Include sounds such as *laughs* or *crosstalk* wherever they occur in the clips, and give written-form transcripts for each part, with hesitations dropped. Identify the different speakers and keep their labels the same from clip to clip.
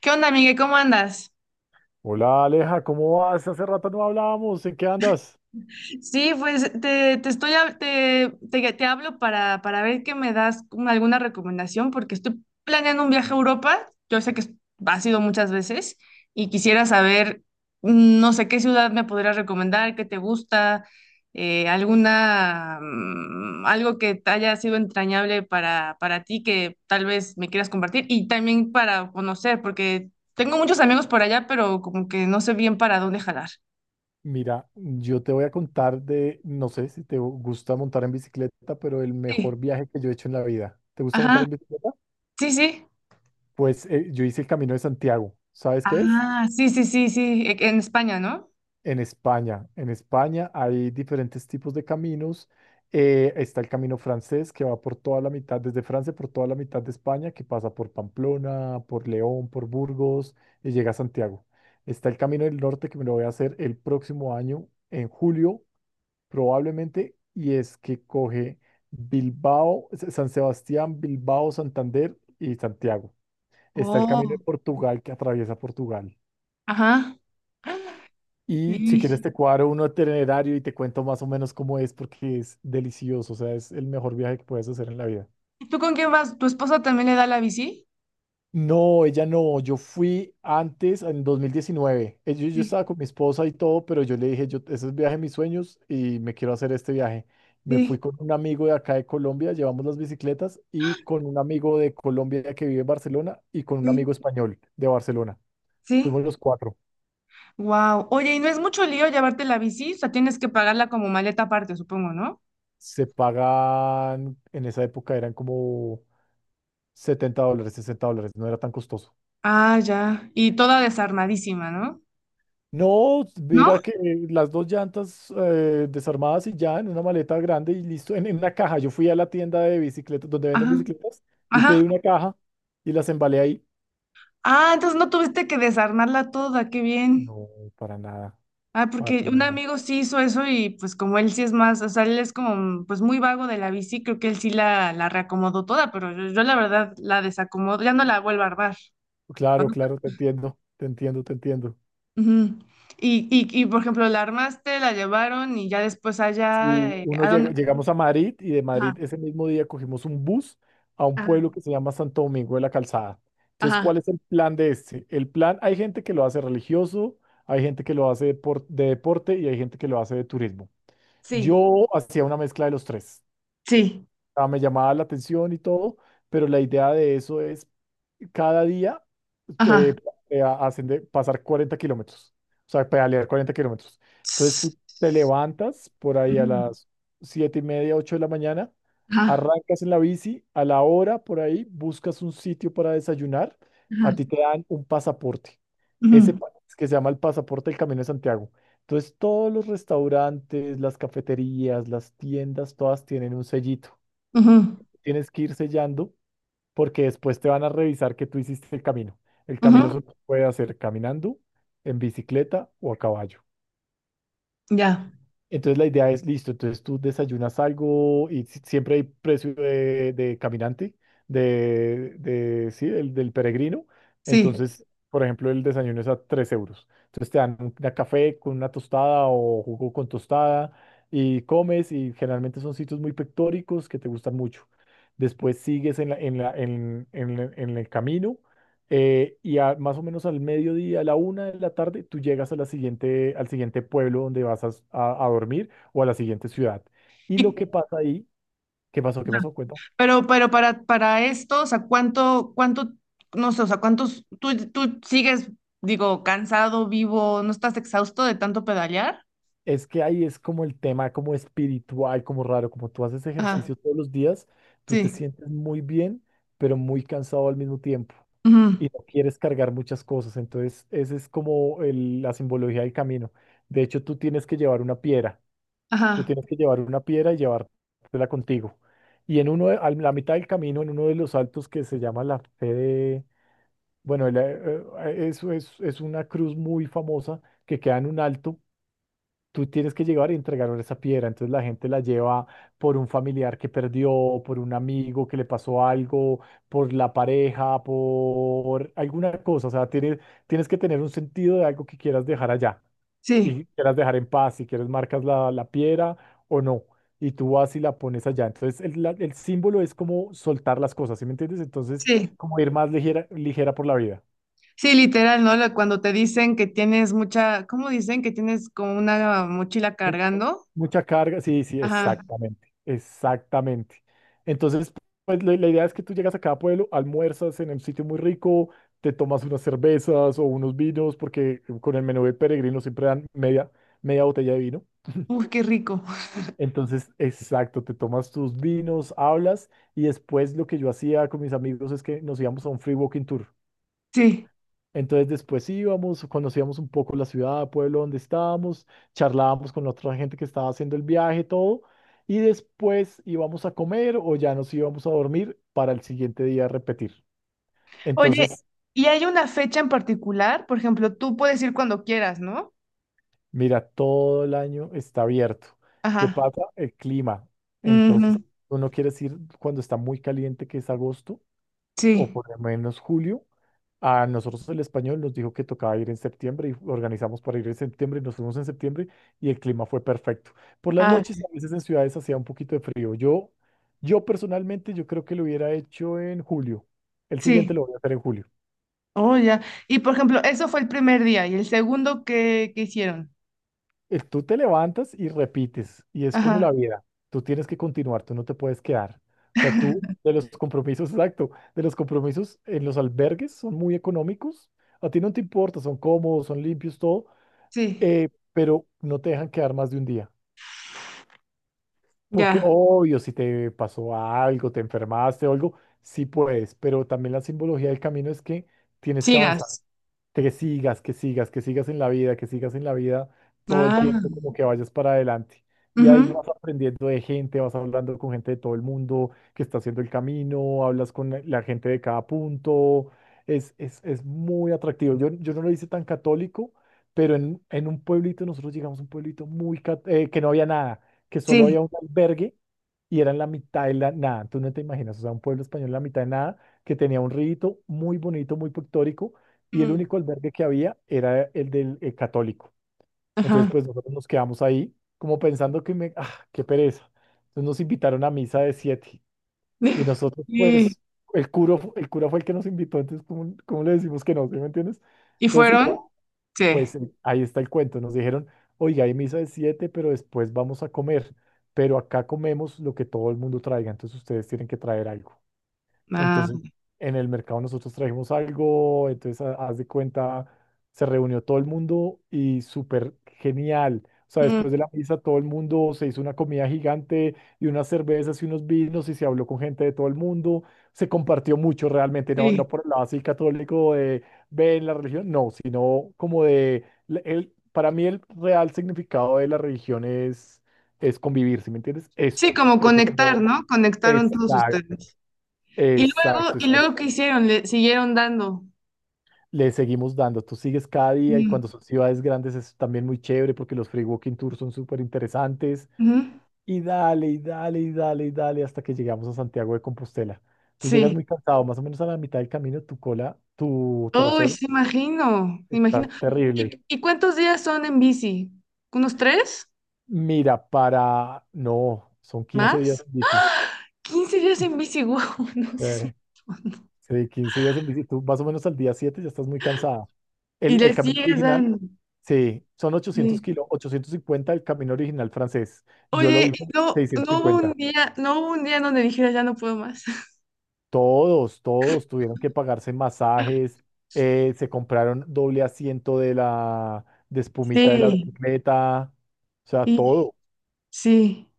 Speaker 1: ¿Qué onda, Miguel? ¿Cómo andas?
Speaker 2: Hola Aleja, ¿cómo vas? Hace rato no hablábamos, ¿en qué andas?
Speaker 1: Sí, pues te estoy hab- te hablo para ver que me das como alguna recomendación, porque estoy planeando un viaje a Europa. Yo sé has ido muchas veces y quisiera saber, no sé, qué ciudad me podrías recomendar, qué te gusta, algo que te haya sido entrañable para ti que tal vez me quieras compartir y también para conocer, porque tengo muchos amigos por allá, pero como que no sé bien para dónde jalar.
Speaker 2: Mira, yo te voy a contar de, no sé si te gusta montar en bicicleta, pero el mejor
Speaker 1: Sí.
Speaker 2: viaje que yo he hecho en la vida. ¿Te gusta montar
Speaker 1: Ajá,
Speaker 2: en bicicleta?
Speaker 1: sí, sí.
Speaker 2: Pues yo hice el Camino de Santiago. ¿Sabes qué es?
Speaker 1: Ah, sí, sí, sí, sí, en España, ¿no?
Speaker 2: En España hay diferentes tipos de caminos. Está el camino francés que va por toda la mitad, desde Francia por toda la mitad de España, que pasa por Pamplona, por León, por Burgos y llega a Santiago. Está el camino del norte que me lo voy a hacer el próximo año, en julio probablemente, y es que coge Bilbao, San Sebastián, Bilbao, Santander y Santiago. Está el camino de
Speaker 1: Oh,
Speaker 2: Portugal que atraviesa Portugal.
Speaker 1: ajá.
Speaker 2: Y si
Speaker 1: ¿Y
Speaker 2: quieres te cuadro uno itinerario y te cuento más o menos cómo es porque es delicioso, o sea, es el mejor viaje que puedes hacer en la vida.
Speaker 1: tú con quién vas? ¿Tu esposa también le da la bici?
Speaker 2: No, ella no, yo fui antes, en 2019. Yo
Speaker 1: Sí,
Speaker 2: estaba con mi esposa y todo, pero yo le dije, yo, ese es el viaje de mis sueños y me quiero hacer este viaje. Me fui
Speaker 1: sí,
Speaker 2: con un amigo de acá de Colombia, llevamos las bicicletas, y con un amigo de Colombia que vive en Barcelona y con un
Speaker 1: sí,
Speaker 2: amigo español de Barcelona.
Speaker 1: sí.
Speaker 2: Fuimos los cuatro.
Speaker 1: Wow. Oye, y no es mucho lío llevarte la bici, o sea, tienes que pagarla como maleta aparte, supongo, ¿no?
Speaker 2: Se pagan, en esa época eran como 70 dólares, 60 dólares, no era tan costoso.
Speaker 1: Ah, ya. Y toda desarmadísima, ¿no?
Speaker 2: No,
Speaker 1: ¿No?
Speaker 2: mira que las dos llantas desarmadas y ya en una maleta grande y listo, en, una caja. Yo fui a la tienda de bicicletas, donde venden
Speaker 1: Ajá,
Speaker 2: bicicletas, y
Speaker 1: ajá.
Speaker 2: pedí una caja y las embalé ahí.
Speaker 1: Ah, entonces no tuviste que desarmarla toda, qué bien.
Speaker 2: No, para nada,
Speaker 1: Ah,
Speaker 2: para
Speaker 1: porque un
Speaker 2: nada.
Speaker 1: amigo sí hizo eso y pues como él sí es más, o sea, él es como pues muy vago de la bici, creo que él sí la reacomodó toda, pero yo la verdad la desacomodo, ya no la vuelvo a armar.
Speaker 2: Claro, claro, te entiendo, te entiendo, te entiendo.
Speaker 1: Ujú. Y por ejemplo, la armaste, la llevaron y ya después allá,
Speaker 2: Y
Speaker 1: ¿a dónde?
Speaker 2: llegamos a Madrid y de
Speaker 1: Ajá,
Speaker 2: Madrid ese mismo día cogimos un bus a un
Speaker 1: ajá,
Speaker 2: pueblo que se llama Santo Domingo de la Calzada. Entonces,
Speaker 1: ajá,
Speaker 2: ¿cuál es el plan de este? El plan, hay gente que lo hace religioso, hay gente que lo hace de deporte y hay gente que lo hace de turismo.
Speaker 1: sí,
Speaker 2: Yo hacía una mezcla de los tres.
Speaker 1: sí,
Speaker 2: Ah, me llamaba la atención y todo, pero la idea de eso es cada día
Speaker 1: ajá.
Speaker 2: eh, hacen de pasar 40 kilómetros, o sea, pedalear 40 kilómetros. Entonces
Speaker 1: Ts-
Speaker 2: tú te levantas por ahí a
Speaker 1: Ujú,
Speaker 2: las 7:30, 8 de la mañana,
Speaker 1: ajá,
Speaker 2: arrancas en la bici, a la hora por ahí buscas un sitio para desayunar,
Speaker 1: ajá,
Speaker 2: a ti te dan un pasaporte, ese
Speaker 1: ujú,
Speaker 2: pa- que se llama el pasaporte del Camino de Santiago. Entonces todos los restaurantes, las cafeterías, las tiendas, todas tienen un sellito.
Speaker 1: ujú,
Speaker 2: Tienes que ir sellando porque después te van a revisar que tú hiciste el camino. El camino
Speaker 1: ujú,
Speaker 2: solo se puede hacer caminando, en bicicleta o a caballo.
Speaker 1: ya,
Speaker 2: Entonces la idea es, listo, entonces tú desayunas algo y siempre hay precio de, caminante, de sí, del peregrino.
Speaker 1: sí.
Speaker 2: Entonces, por ejemplo, el desayuno es a 3 euros. Entonces te dan una café con una tostada o jugo con tostada y comes y generalmente son sitios muy pictóricos que te gustan mucho. Después sigues en la- en la- en el camino y más o menos al mediodía, a la una de la tarde, tú llegas a la siguiente, al siguiente pueblo donde vas a dormir o a la siguiente ciudad. Y
Speaker 1: Y,
Speaker 2: lo que pasa ahí, ¿qué pasó? ¿Qué pasó? Cuento.
Speaker 1: pero para esto, o sea, ¿cuánto, no sé, o sea, cuántos, tú sigues, digo, cansado, vivo, no estás exhausto de tanto pedalear?
Speaker 2: Es que ahí es como el tema, como espiritual, como raro, como tú haces
Speaker 1: Ajá,
Speaker 2: ejercicio todos los días, tú te
Speaker 1: sí,
Speaker 2: sientes muy bien, pero muy cansado al mismo tiempo y
Speaker 1: ujú,
Speaker 2: no quieres cargar muchas cosas. Entonces, esa es como la simbología del camino. De hecho, tú tienes que llevar una piedra. Tú
Speaker 1: ajá,
Speaker 2: tienes que llevar una piedra y llevártela contigo. Y en a la mitad del camino, en uno de los altos que se llama la fe bueno, eso es una cruz muy famosa que queda en un alto. Tú tienes que llegar y entregar esa piedra. Entonces la gente la lleva por un familiar que perdió, por un amigo que le pasó algo, por la pareja, por alguna cosa. O sea, tienes que tener un sentido de algo que quieras dejar allá
Speaker 1: sí,
Speaker 2: y quieras dejar en paz, si quieres marcas la, piedra o no, y tú vas y la pones allá. Entonces el símbolo es como soltar las cosas, ¿sí me entiendes? Entonces
Speaker 1: sí,
Speaker 2: como ir más ligera, ligera por la vida.
Speaker 1: sí, literal, ¿no? Cuando te dicen que tienes mucha, ¿cómo dicen? Que tienes como una mochila
Speaker 2: Mu-
Speaker 1: cargando.
Speaker 2: Mucha carga, sí, sí,
Speaker 1: Ajá,
Speaker 2: exactamente, exactamente. Entonces, pues la idea es que tú llegas a cada pueblo, almuerzas en un sitio muy rico, te tomas unas cervezas o unos vinos, porque con el menú de peregrino siempre dan media botella de vino.
Speaker 1: uy, qué rico,
Speaker 2: Entonces, exacto, te tomas tus vinos, hablas y después lo que yo hacía con mis amigos es que nos íbamos a un free walking tour.
Speaker 1: *laughs* sí.
Speaker 2: Entonces después íbamos, conocíamos un poco la ciudad, pueblo donde estábamos, charlábamos con la otra gente que estaba haciendo el viaje, todo, y después íbamos a comer o ya nos íbamos a dormir para el siguiente día repetir.
Speaker 1: Oye,
Speaker 2: Entonces,
Speaker 1: ¿y hay una fecha en particular? Por ejemplo, tú puedes ir cuando quieras, ¿no?
Speaker 2: mira, todo el año está abierto.
Speaker 1: Ajá,
Speaker 2: ¿Qué pasa? El clima. Entonces,
Speaker 1: ujú,
Speaker 2: tú no quieres ir cuando está muy caliente, que es agosto o
Speaker 1: sí,
Speaker 2: por lo menos julio. A nosotros el español nos dijo que tocaba ir en septiembre y organizamos para ir en septiembre, y nos fuimos en septiembre y el clima fue perfecto. Por las
Speaker 1: ah,
Speaker 2: noches, a veces en ciudades hacía un poquito de frío. Yo personalmente, yo creo que lo hubiera hecho en julio. El siguiente
Speaker 1: sí.
Speaker 2: lo voy a hacer en julio.
Speaker 1: Oh, ya. Y por ejemplo, eso fue el primer día. ¿Y el segundo qué hicieron?
Speaker 2: Tú te levantas y repites y es como la
Speaker 1: Ajá,
Speaker 2: vida. Tú tienes que continuar, tú no te puedes quedar. O sea, tú de los compromisos, *laughs* exacto, de los compromisos en los albergues son muy económicos. A ti no te importa, son cómodos, son limpios, todo
Speaker 1: sí.
Speaker 2: pero no te dejan quedar más de un día. Porque
Speaker 1: Ya,
Speaker 2: obvio, si te pasó algo, te enfermaste o algo, sí puedes, pero también la simbología del camino es que tienes que avanzar,
Speaker 1: sigas.
Speaker 2: que sigas, que sigas, que sigas en la vida, que sigas en la vida todo el
Speaker 1: Ah,
Speaker 2: tiempo, como que vayas para adelante. Y ahí
Speaker 1: ujú,
Speaker 2: vas aprendiendo de gente, vas hablando con gente de todo el mundo que está haciendo el camino, hablas con la gente de cada punto. Es muy atractivo. Yo no lo hice tan católico, pero en, un pueblito, nosotros llegamos a un pueblito que no había nada, que solo
Speaker 1: sí.
Speaker 2: había un albergue y era en la mitad de la nada. Tú no te imaginas, o sea, un pueblo español en la mitad de nada, que tenía un rito muy bonito, muy pictórico y el
Speaker 1: Mm,
Speaker 2: único albergue que había era el del católico. Entonces,
Speaker 1: ajá.
Speaker 2: pues nosotros nos quedamos ahí como pensando que me, ah, qué pereza. Entonces nos invitaron a misa de siete y
Speaker 1: *laughs*
Speaker 2: nosotros,
Speaker 1: ¿Y,
Speaker 2: pues, el cura fue el que nos invitó, entonces, ¿cómo, cómo le decimos que no? ¿Sí me entiendes?
Speaker 1: y
Speaker 2: Entonces, igual,
Speaker 1: fueron? Sí.
Speaker 2: pues ahí está el cuento. Nos dijeron, oiga, hay misa de siete, pero después vamos a comer, pero acá comemos lo que todo el mundo traiga, entonces ustedes tienen que traer algo.
Speaker 1: Ah,
Speaker 2: Entonces, en el mercado nosotros trajimos algo, entonces haz de cuenta, se reunió todo el mundo y súper genial. O sea,
Speaker 1: mm,
Speaker 2: después de la misa todo el mundo se hizo una comida gigante y unas cervezas y unos vinos y se habló con gente de todo el mundo. Se compartió mucho realmente, no, no
Speaker 1: sí.
Speaker 2: por el lado así católico de ven la religión, no, sino como para mí el real significado de la religión es convivir, ¿sí me entiendes?
Speaker 1: Sí,
Speaker 2: Eso,
Speaker 1: como
Speaker 2: eso
Speaker 1: conectar,
Speaker 2: como
Speaker 1: ¿no? Conectaron todos
Speaker 2: exacto.
Speaker 1: ustedes.
Speaker 2: Exacto,
Speaker 1: ¿Y
Speaker 2: exacto.
Speaker 1: luego qué hicieron? Le siguieron dando.
Speaker 2: Le seguimos dando. Tú sigues cada día y
Speaker 1: Mm,
Speaker 2: cuando son ciudades grandes es también muy chévere porque los free walking tours son súper interesantes.
Speaker 1: ujú,
Speaker 2: Y dale, y dale, y dale, y dale hasta que llegamos a Santiago de Compostela. Tú llegas
Speaker 1: sí.
Speaker 2: muy cansado, más o menos a la mitad del camino, tu cola, tu
Speaker 1: Uy,
Speaker 2: trasero
Speaker 1: sí, imagino, imagino.
Speaker 2: está terrible.
Speaker 1: ¿Y cuántos días son en bici? ¿Unos tres?
Speaker 2: Mira, para... No, son 15 días
Speaker 1: ¿Más?
Speaker 2: en bici.
Speaker 1: 15 días en bici, wow, *laughs* no
Speaker 2: Sí.
Speaker 1: sé.
Speaker 2: Sí, 15 días en bici, tú más o menos al día 7 ya estás muy cansada.
Speaker 1: Y
Speaker 2: El
Speaker 1: le
Speaker 2: camino
Speaker 1: sigues
Speaker 2: original,
Speaker 1: dando.
Speaker 2: sí, son 800
Speaker 1: Sí.
Speaker 2: kilos, 850 el camino original francés. Yo lo
Speaker 1: Oye, y
Speaker 2: hice
Speaker 1: no,
Speaker 2: seiscientos
Speaker 1: no hubo un
Speaker 2: cincuenta.
Speaker 1: día, en donde dijera ya no puedo más. *laughs*
Speaker 2: Todos tuvieron que pagarse masajes, se compraron doble asiento de la de espumita de la
Speaker 1: Sí,
Speaker 2: bicicleta, o sea,
Speaker 1: y
Speaker 2: todo.
Speaker 1: sí.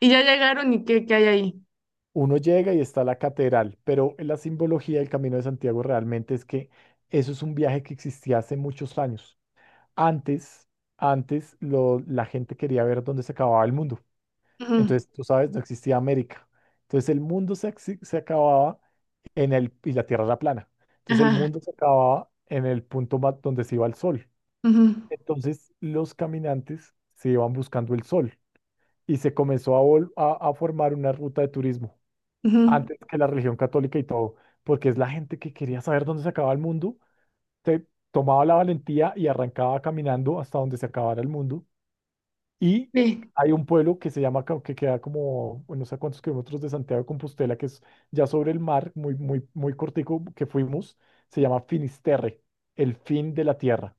Speaker 1: Y ya llegaron y qué hay ahí.
Speaker 2: Uno llega y está la catedral, pero la simbología del Camino de Santiago realmente es que eso es un viaje que existía hace muchos años. Antes, la gente quería ver dónde se acababa el mundo.
Speaker 1: Ujú,
Speaker 2: Entonces, tú sabes, no existía América. Entonces, el mundo se acababa en el, y la Tierra era plana. Entonces, el
Speaker 1: ajá.
Speaker 2: mundo se acababa en el punto donde se iba el sol.
Speaker 1: Ujú,
Speaker 2: Entonces, los caminantes se iban buscando el sol y se comenzó a formar una ruta de turismo
Speaker 1: ujú,
Speaker 2: antes que la religión católica y todo, porque es la gente que quería saber dónde se acababa el mundo, se tomaba la valentía y arrancaba caminando hasta donde se acabara el mundo. Y
Speaker 1: sí.
Speaker 2: hay un pueblo que se llama, que queda como, bueno, no sé a cuántos kilómetros de Santiago de Compostela, que es ya sobre el mar, muy, muy, muy cortico que fuimos, se llama Finisterre, el fin de la tierra.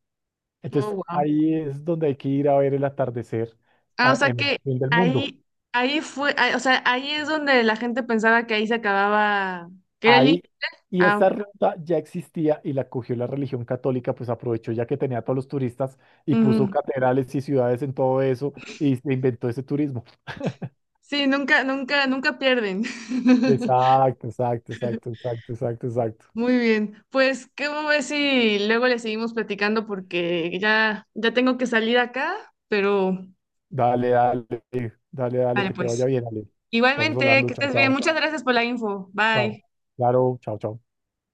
Speaker 2: Entonces
Speaker 1: Oh, wow.
Speaker 2: ahí es donde hay que ir a ver el atardecer
Speaker 1: Ah, o sea
Speaker 2: en el
Speaker 1: que
Speaker 2: fin del mundo.
Speaker 1: ahí, ahí fue, ah, o sea, ahí es donde la gente pensaba que ahí se acababa, que era el límite.
Speaker 2: Ahí, y
Speaker 1: Ah,
Speaker 2: esa ruta ya existía y la cogió la religión católica, pues aprovechó ya que tenía a todos los turistas y puso
Speaker 1: ujú.
Speaker 2: catedrales y ciudades en todo eso y se inventó ese turismo.
Speaker 1: Sí, nunca, nunca, nunca pierden. *laughs*
Speaker 2: Exacto, exacto, exacto, exacto, exacto, exacto.
Speaker 1: Muy bien, pues, ¿cómo ves si luego le seguimos platicando? Porque ya tengo que salir acá, pero
Speaker 2: Dale, dale, dale, dale,
Speaker 1: vale,
Speaker 2: que te vaya
Speaker 1: pues.
Speaker 2: bien, dale. Estamos
Speaker 1: Igualmente,
Speaker 2: hablando,
Speaker 1: que
Speaker 2: chao,
Speaker 1: estés bien.
Speaker 2: chao,
Speaker 1: Muchas gracias por la info.
Speaker 2: chao.
Speaker 1: Bye.
Speaker 2: Claro, chao, chao.